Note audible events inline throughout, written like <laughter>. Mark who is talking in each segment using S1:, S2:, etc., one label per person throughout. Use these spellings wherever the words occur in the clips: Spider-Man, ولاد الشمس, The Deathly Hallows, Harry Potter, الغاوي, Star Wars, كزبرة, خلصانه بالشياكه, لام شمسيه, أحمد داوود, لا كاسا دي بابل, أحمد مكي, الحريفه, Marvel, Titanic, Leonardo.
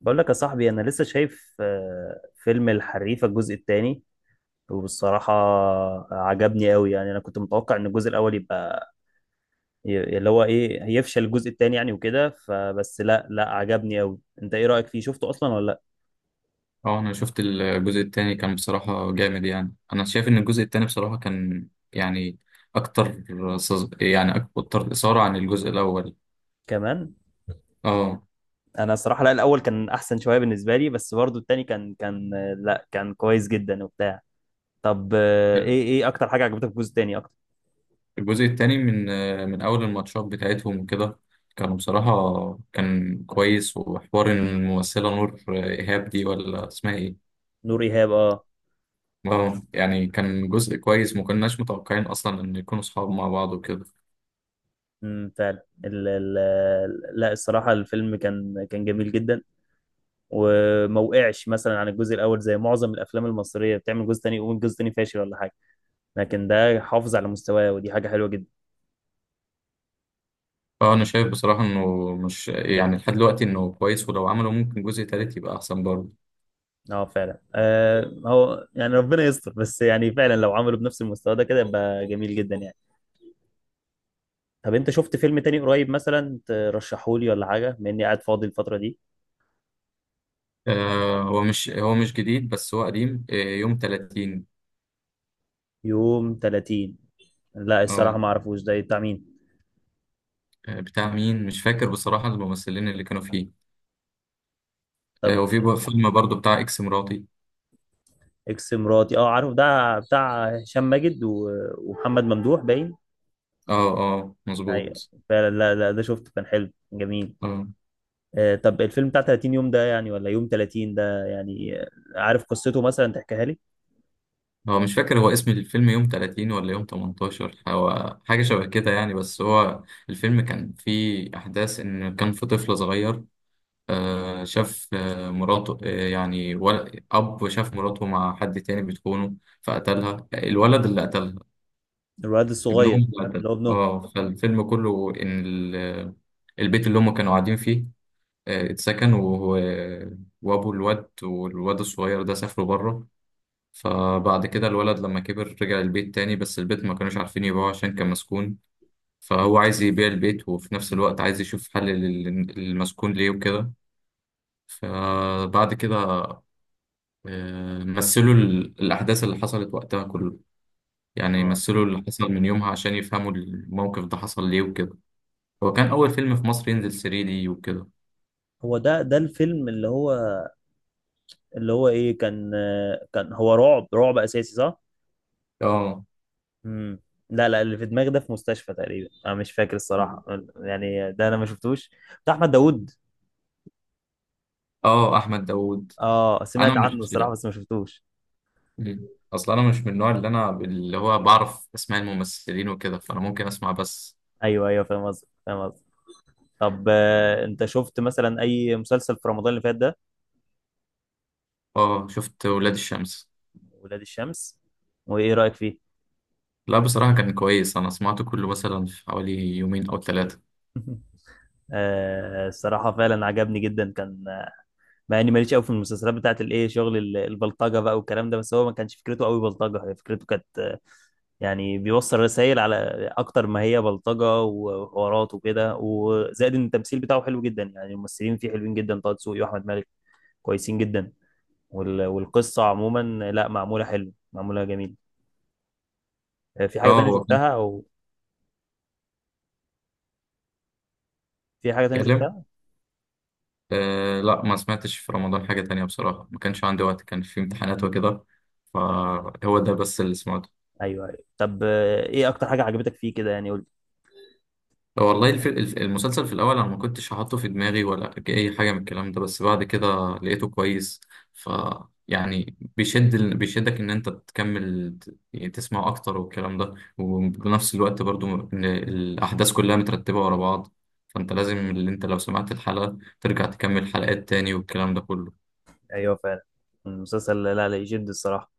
S1: بقول لك يا صاحبي انا لسه شايف فيلم الحريفه الجزء الثاني. وبالصراحه عجبني قوي. يعني انا كنت متوقع ان الجزء الاول يبقى اللي هو ايه هيفشل الجزء الثاني يعني وكده، فبس لا لا عجبني قوي. انت ايه رايك فيه؟ شفته اصلا ولا لا؟
S2: اه انا شفت الجزء التاني كان بصراحة جامد. يعني انا شايف ان الجزء التاني بصراحة كان يعني اكتر يعني اكتر اثارة عن الجزء الاول.
S1: كمان
S2: اه،
S1: انا الصراحه لا، الاول كان احسن شويه بالنسبه لي، بس برضو الثاني كان لا كان كويس جدا وبتاع. طب ايه اكتر حاجه عجبتك في الجزء الثاني اكتر؟
S2: الجزء التاني من اول الماتشات بتاعتهم وكده. كانوا بصراحة كان كويس. وحوار إن الممثلة نور ايهاب دي ولا اسمها ايه؟
S1: نور ايهاب اه.
S2: اه، يعني كان جزء كويس ما كناش متوقعين اصلا ان يكونوا صحاب مع بعض وكده.
S1: فعلا. ال ال لا الصراحه الفيلم كان جميل جدا، وما وقعش مثلا عن الجزء الاول زي معظم الافلام المصريه بتعمل جزء تاني يقوم الجزء التاني فاشل ولا حاجه، لكن ده حافظ على مستواه ودي حاجه حلوه جدا.
S2: اه، انا شايف بصراحة انه مش يعني لحد دلوقتي انه كويس، ولو عملوا ممكن جزء تالت يبقى احسن برضه.
S1: اه فعلا. هو يعني ربنا يستر، بس يعني فعلا لو عملوا بنفس المستوى ده كده يبقى جميل جدا يعني. طب انت شفت فيلم تاني قريب مثلا ترشحه لي ولا حاجه، بما اني قاعد فاضي الفتره دي؟
S2: هو مش جديد، بس هو قديم. يوم 30.
S1: يوم 30؟ لا
S2: اه.
S1: الصراحه ما اعرفوش ده بتاع مين.
S2: بتاع مين مش فاكر بصراحة الممثلين اللي كانوا فيه.
S1: طب
S2: وفي بقى فيلم برضه بتاع اكس مراتي.
S1: اكس مراتي، اه عارف، ده بتاع هشام ماجد ومحمد ممدوح باين.
S2: اه، اه،
S1: أيوة.
S2: مظبوط.
S1: فعلا، لا لا ده شفته كان حلو جميل.
S2: اه،
S1: طب الفيلم بتاع 30 يوم ده يعني ولا يوم 30 ده يعني؟ عارف قصته مثلا تحكيها لي؟
S2: هو مش فاكر هو اسم الفيلم يوم 30 ولا يوم 18. هو حاجة شبه كده يعني، بس هو الفيلم كان فيه أحداث إن كان في طفل صغير. شاف مراته يعني أب شاف مراته مع حد تاني بتخونه، فقتلها. الولد اللي قتلها
S1: الولد
S2: ابنهم،
S1: الصغير.
S2: اللي قتلها.
S1: اللي هو ابنه.
S2: اه، فالفيلم كله إن البيت اللي هم كانوا قاعدين فيه اتسكن. وهو وأبو الواد والواد الصغير ده سافروا بره. فبعد كده الولد لما كبر رجع البيت تاني، بس البيت ما كانوش عارفين يبيعوه عشان كان مسكون. فهو عايز يبيع البيت وفي نفس الوقت عايز يشوف حل للمسكون ليه وكده. فبعد كده مثلوا الأحداث اللي حصلت وقتها كله. يعني
S1: اه
S2: مثلوا اللي حصل من يومها عشان يفهموا الموقف ده حصل ليه وكده. هو كان أول فيلم في مصر ينزل 3D وكده.
S1: هو ده الفيلم اللي هو ايه، كان كان هو رعب، رعب اساسي صح؟
S2: اه،
S1: امم لا لا، اللي في دماغي ده في مستشفى تقريبا، انا مش فاكر الصراحة. يعني ده انا ما شفتوش. بتاع احمد داوود؟
S2: اه، أحمد داوود.
S1: اه
S2: أنا
S1: سمعت
S2: مش.
S1: عنه الصراحة بس ما شفتوش.
S2: مم. أصل أنا مش من النوع اللي أنا اللي هو بعرف أسماء الممثلين وكده، فأنا ممكن أسمع بس.
S1: ايوه ايوه فاهم قصدك، فاهم قصدك. طب انت شفت مثلا اي مسلسل في رمضان اللي فات ده؟
S2: اه، شفت ولاد الشمس.
S1: ولاد الشمس، وايه رأيك فيه؟
S2: لا، بصراحة كان كويس. أنا سمعته كله مثلا في حوالي يومين أو 3.
S1: <laughs> الصراحة فعلا عجبني جدا كان. مع اني ماليش قوي في المسلسلات بتاعت الايه، شغل البلطجة بقى والكلام ده، بس هو ما كانش فكرته قوي بلطجة، هي فكرته كانت يعني بيوصل رسائل على اكتر ما هي بلطجة وحوارات وكده، وزائد ان التمثيل بتاعه حلو جدا، يعني الممثلين فيه حلوين جدا، طه دسوقي واحمد مالك كويسين جدا. والقصة عموما لا معمولة حلو، معمولة جميل. آه، في حاجة
S2: اه،
S1: تانية
S2: هو كان
S1: شفتها او في حاجة تانية
S2: بيتكلم.
S1: شفتها؟
S2: أه، لا، ما سمعتش في رمضان حاجة تانية بصراحة. ما كانش عندي وقت، كان في امتحانات وكده، فهو ده بس اللي سمعته.
S1: ايوه ايوه. طب ايه اكتر حاجة عجبتك فيه كده يعني؟ قول.
S2: أه، والله المسلسل في الأول أنا ما كنتش حاطه في دماغي ولا أي حاجة من الكلام ده، بس بعد كده لقيته كويس. ف يعني بيشدك إن أنت تكمل، يعني تسمع أكتر والكلام ده، وبنفس الوقت برضو إن الأحداث كلها مترتبة ورا بعض. فأنت لازم اللي أنت لو سمعت الحلقة ترجع تكمل حلقات تاني والكلام ده كله.
S1: ايوه فعلا المسلسل لا لا يشد الصراحه.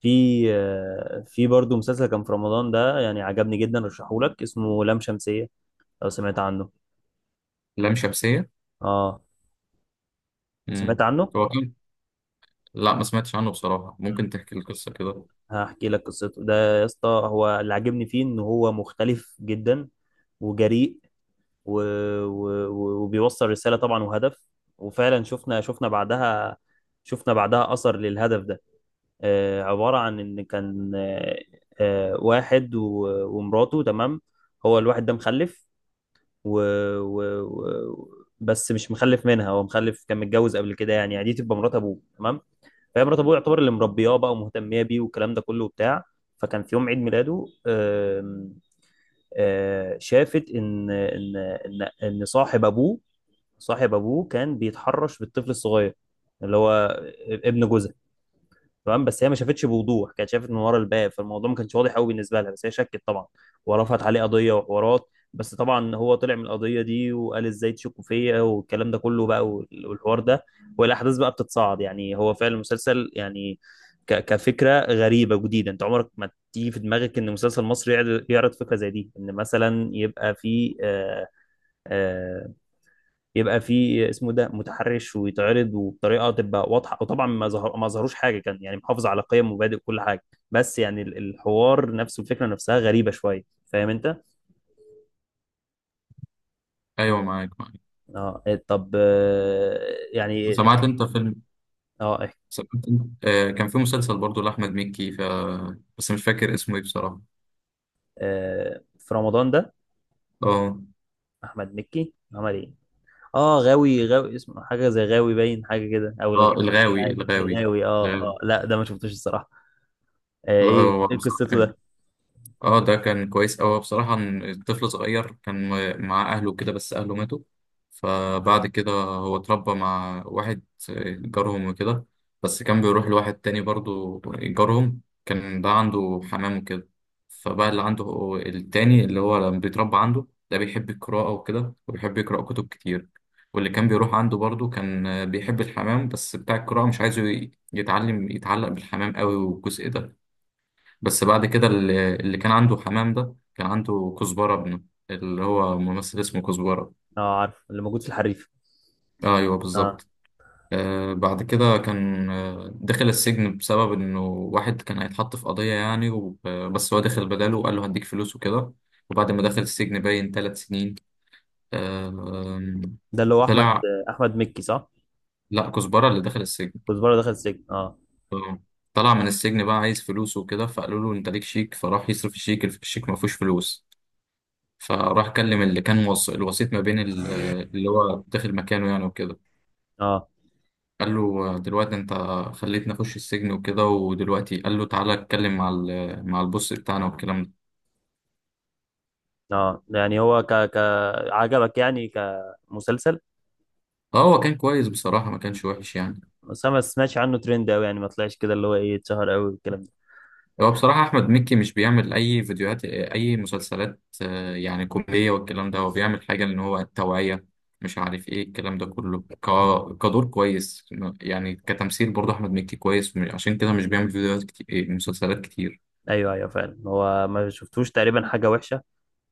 S1: في برضه مسلسل كان في رمضان ده يعني عجبني جدا، رشحهولك، اسمه لام شمسيه، لو سمعت عنه.
S2: لام شمسية.
S1: اه سمعت
S2: مم.
S1: عنه.
S2: هو لا، ما سمعتش عنه بصراحة.
S1: مم.
S2: ممكن تحكي القصة كده؟
S1: هحكي لك قصته ده. يا اسطى هو اللي عجبني فيه ان هو مختلف جدا وجريء و... وبيوصل رساله طبعا وهدف. وفعلا شفنا بعدها، شفنا بعدها اثر للهدف ده. عبارة عن إن كان واحد ومراته تمام. هو الواحد ده مخلف و... بس مش مخلف منها، هو مخلف كان متجوز قبل كده يعني، يعني دي تبقى مرات أبوه تمام. فهي مرات أبوه يعتبر اللي مربياه بقى ومهتمية بيه والكلام ده كله وبتاع. فكان في يوم عيد ميلاده آم، آه، شافت إن صاحب أبوه، صاحب أبوه كان بيتحرش بالطفل الصغير، اللي هو ابن جوزها تمام. بس هي ما شافتش بوضوح، كانت شافت من ورا الباب، فالموضوع ما كانش واضح قوي بالنسبه لها، بس هي شكت طبعا. ورفعت عليه قضيه وحوارات، بس طبعا هو طلع من القضيه دي وقال ازاي تشكوا فيا والكلام ده كله بقى. والحوار ده والاحداث بقى بتتصاعد. يعني هو فعلا المسلسل يعني كفكره غريبه جديده، انت عمرك ما تيجي في دماغك ان مسلسل مصري يعرض فكره زي دي، ان مثلا آه، يبقى في اسمه ده متحرش ويتعرض وبطريقه تبقى واضحه. وطبعا ما ظهروش حاجه، كان يعني محافظ على قيم ومبادئ وكل حاجه، بس يعني الحوار نفسه الفكره نفسها غريبه شويه. فاهم انت؟
S2: أيوة، معاك، معاك.
S1: اه طب يعني
S2: سمعت أنت فيلم.
S1: اه إيه،
S2: سمعت أنت كان في مسلسل برضو لأحمد مكي، بس مش فاكر اسمه إيه بصراحة.
S1: آه، في رمضان ده
S2: أه.
S1: احمد مكي عمل ايه؟ اه غاوي غاوي، اسمه حاجه زي غاوي باين، حاجه كده او
S2: أه،
S1: الغاوي. مش
S2: الغاوي،
S1: عارف.
S2: الغاوي.
S1: الغاوي، اه
S2: الغاوي.
S1: اه لا ده ما شفتوش الصراحه.
S2: لا،
S1: ايه
S2: هو
S1: ايه
S2: بصراحة
S1: قصته
S2: كان.
S1: ده؟
S2: اه، ده كان كويس أوي بصراحة. إن الطفل صغير كان مع أهله كده، بس أهله ماتوا. فبعد كده هو اتربى مع واحد جارهم وكده. بس كان بيروح لواحد تاني برضو جارهم، كان ده عنده حمام وكده. فبقى اللي عنده هو التاني اللي هو لما بيتربى عنده ده بيحب القراءة وكده، وبيحب يقرأ كتب كتير. واللي كان بيروح عنده برضو كان بيحب الحمام، بس بتاع القراءة مش عايزه يتعلم يتعلق بالحمام قوي والجزء ده. بس بعد كده اللي كان عنده حمام ده كان عنده كزبرة ابنه، اللي هو ممثل اسمه كزبرة.
S1: اه عارف اللي موجود في الحريف.
S2: ايوه،
S1: اه
S2: بالظبط. بعد كده كان دخل السجن بسبب انه واحد كان هيتحط في قضية يعني. بس هو دخل بداله وقال له هديك فلوس وكده. وبعد ما دخل السجن باين 3 سنين. آه
S1: ده اللي هو احمد
S2: طلع.
S1: احمد مكي صح؟
S2: لا، كزبرة اللي دخل السجن.
S1: كزبره دخل السجن اه
S2: آه، طلع من السجن بقى عايز فلوس وكده. فقالوا له انت ليك شيك، فراح يصرف الشيك. الشيك ما فيهوش فلوس، فراح كلم اللي كان الوسيط ما بين اللي هو داخل مكانه يعني وكده.
S1: اه
S2: قال له دلوقتي انت خليتني اخش السجن وكده، ودلوقتي قال له تعالى اتكلم مع البوس بتاعنا والكلام ده.
S1: اه، يعني هو ك ك عجبك يعني كمسلسل؟
S2: اه، هو كان كويس بصراحة ما كانش وحش يعني.
S1: بس أنا ما سمعتش عنه ترند قوي يعني، ما طلعش كده اللي هو ايه اتشهر قوي والكلام ده.
S2: هو بصراحة أحمد مكي مش بيعمل أي فيديوهات أي مسلسلات يعني كوميدية والكلام ده. هو بيعمل حاجة إن هو توعية، مش عارف إيه الكلام ده كله. كدور كويس. يعني كتمثيل برضه أحمد مكي كويس، عشان كده مش بيعمل فيديوهات كتير، مسلسلات كتير.
S1: ايوه ايوه فعلا، هو ما شفتوش تقريبا حاجه وحشه.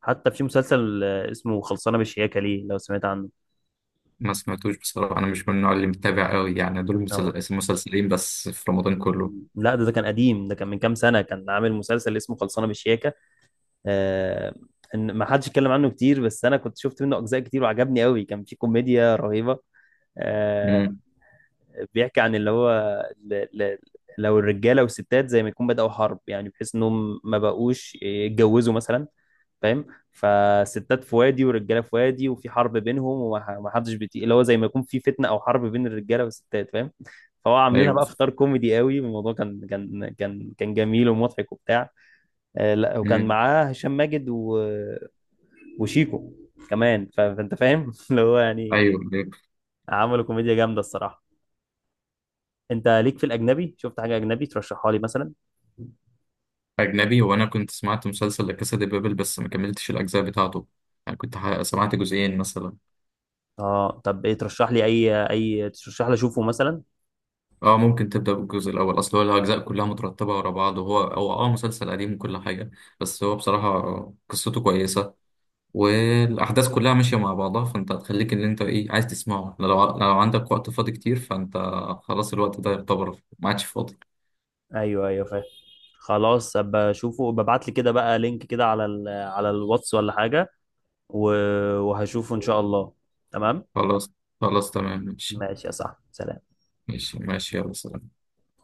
S1: حتى في مسلسل اسمه خلصانه بالشياكه، ليه لو سمعت عنه؟
S2: ما سمعتوش بصراحة. أنا مش من النوع اللي متابع قوي يعني. دول
S1: هو-
S2: مسلسلين بس في رمضان كله.
S1: لا ده كان قديم، ده كان من كام سنه كان عامل مسلسل اسمه خلصانه بالشياكه آه ان ما حدش اتكلم عنه كتير، بس انا كنت شفت منه اجزاء كتير وعجبني قوي، كان في كوميديا رهيبه. آه،
S2: امم
S1: بيحكي عن اللي هو ال- ال- لو الرجاله والستات زي ما يكون بدأوا حرب يعني، بحيث انهم ما بقوش يتجوزوا مثلا، فاهم؟ فالستات في وادي والرجاله في وادي، وفي حرب بينهم وما حدش بيطيق، اللي هو زي ما يكون في فتنه او حرب بين الرجاله والستات فاهم؟ فهو عاملينها
S2: أيوه.
S1: بقى في اطار كوميدي قوي، الموضوع كان جميل ومضحك وبتاع. لا وكان
S2: امم
S1: معاه هشام ماجد وشيكو كمان. فانت فاهم <laughs> اللي هو يعني،
S2: أيوه، أيوه.
S1: عملوا كوميديا جامده الصراحه. انت ليك في الاجنبي، شفت حاجه اجنبي ترشحها لي مثلا؟
S2: أجنبي، وأنا كنت سمعت مسلسل لا كاسا دي بابل، بس ما كملتش الأجزاء بتاعته. يعني كنت سمعت جزئين مثلا.
S1: اه طب ايه ترشح لي، اشوفه مثلا؟
S2: أه، ممكن تبدأ بالجزء الأول. أصل هو الأجزاء كلها مترتبة ورا بعض، وهو مسلسل قديم وكل حاجة. بس هو بصراحة قصته كويسة، والاحداث كلها ماشيه مع بعضها. فانت هتخليك اللي انت ايه عايز تسمعه، لو عندك وقت فاضي كتير فانت. خلاص. الوقت ده يعتبر ما عادش فاضي.
S1: ايوه ايوه فاهم. خلاص، ابقى اشوفه. ببعت لي كده بقى لينك كده على على الواتس ولا حاجه، و... وهشوفه ان شاء الله. تمام
S2: خلاص، خلاص، تمام، ماشي.
S1: ماشي يا صاحبي سلام.
S2: ماشي، ماشي، يلا، سلام.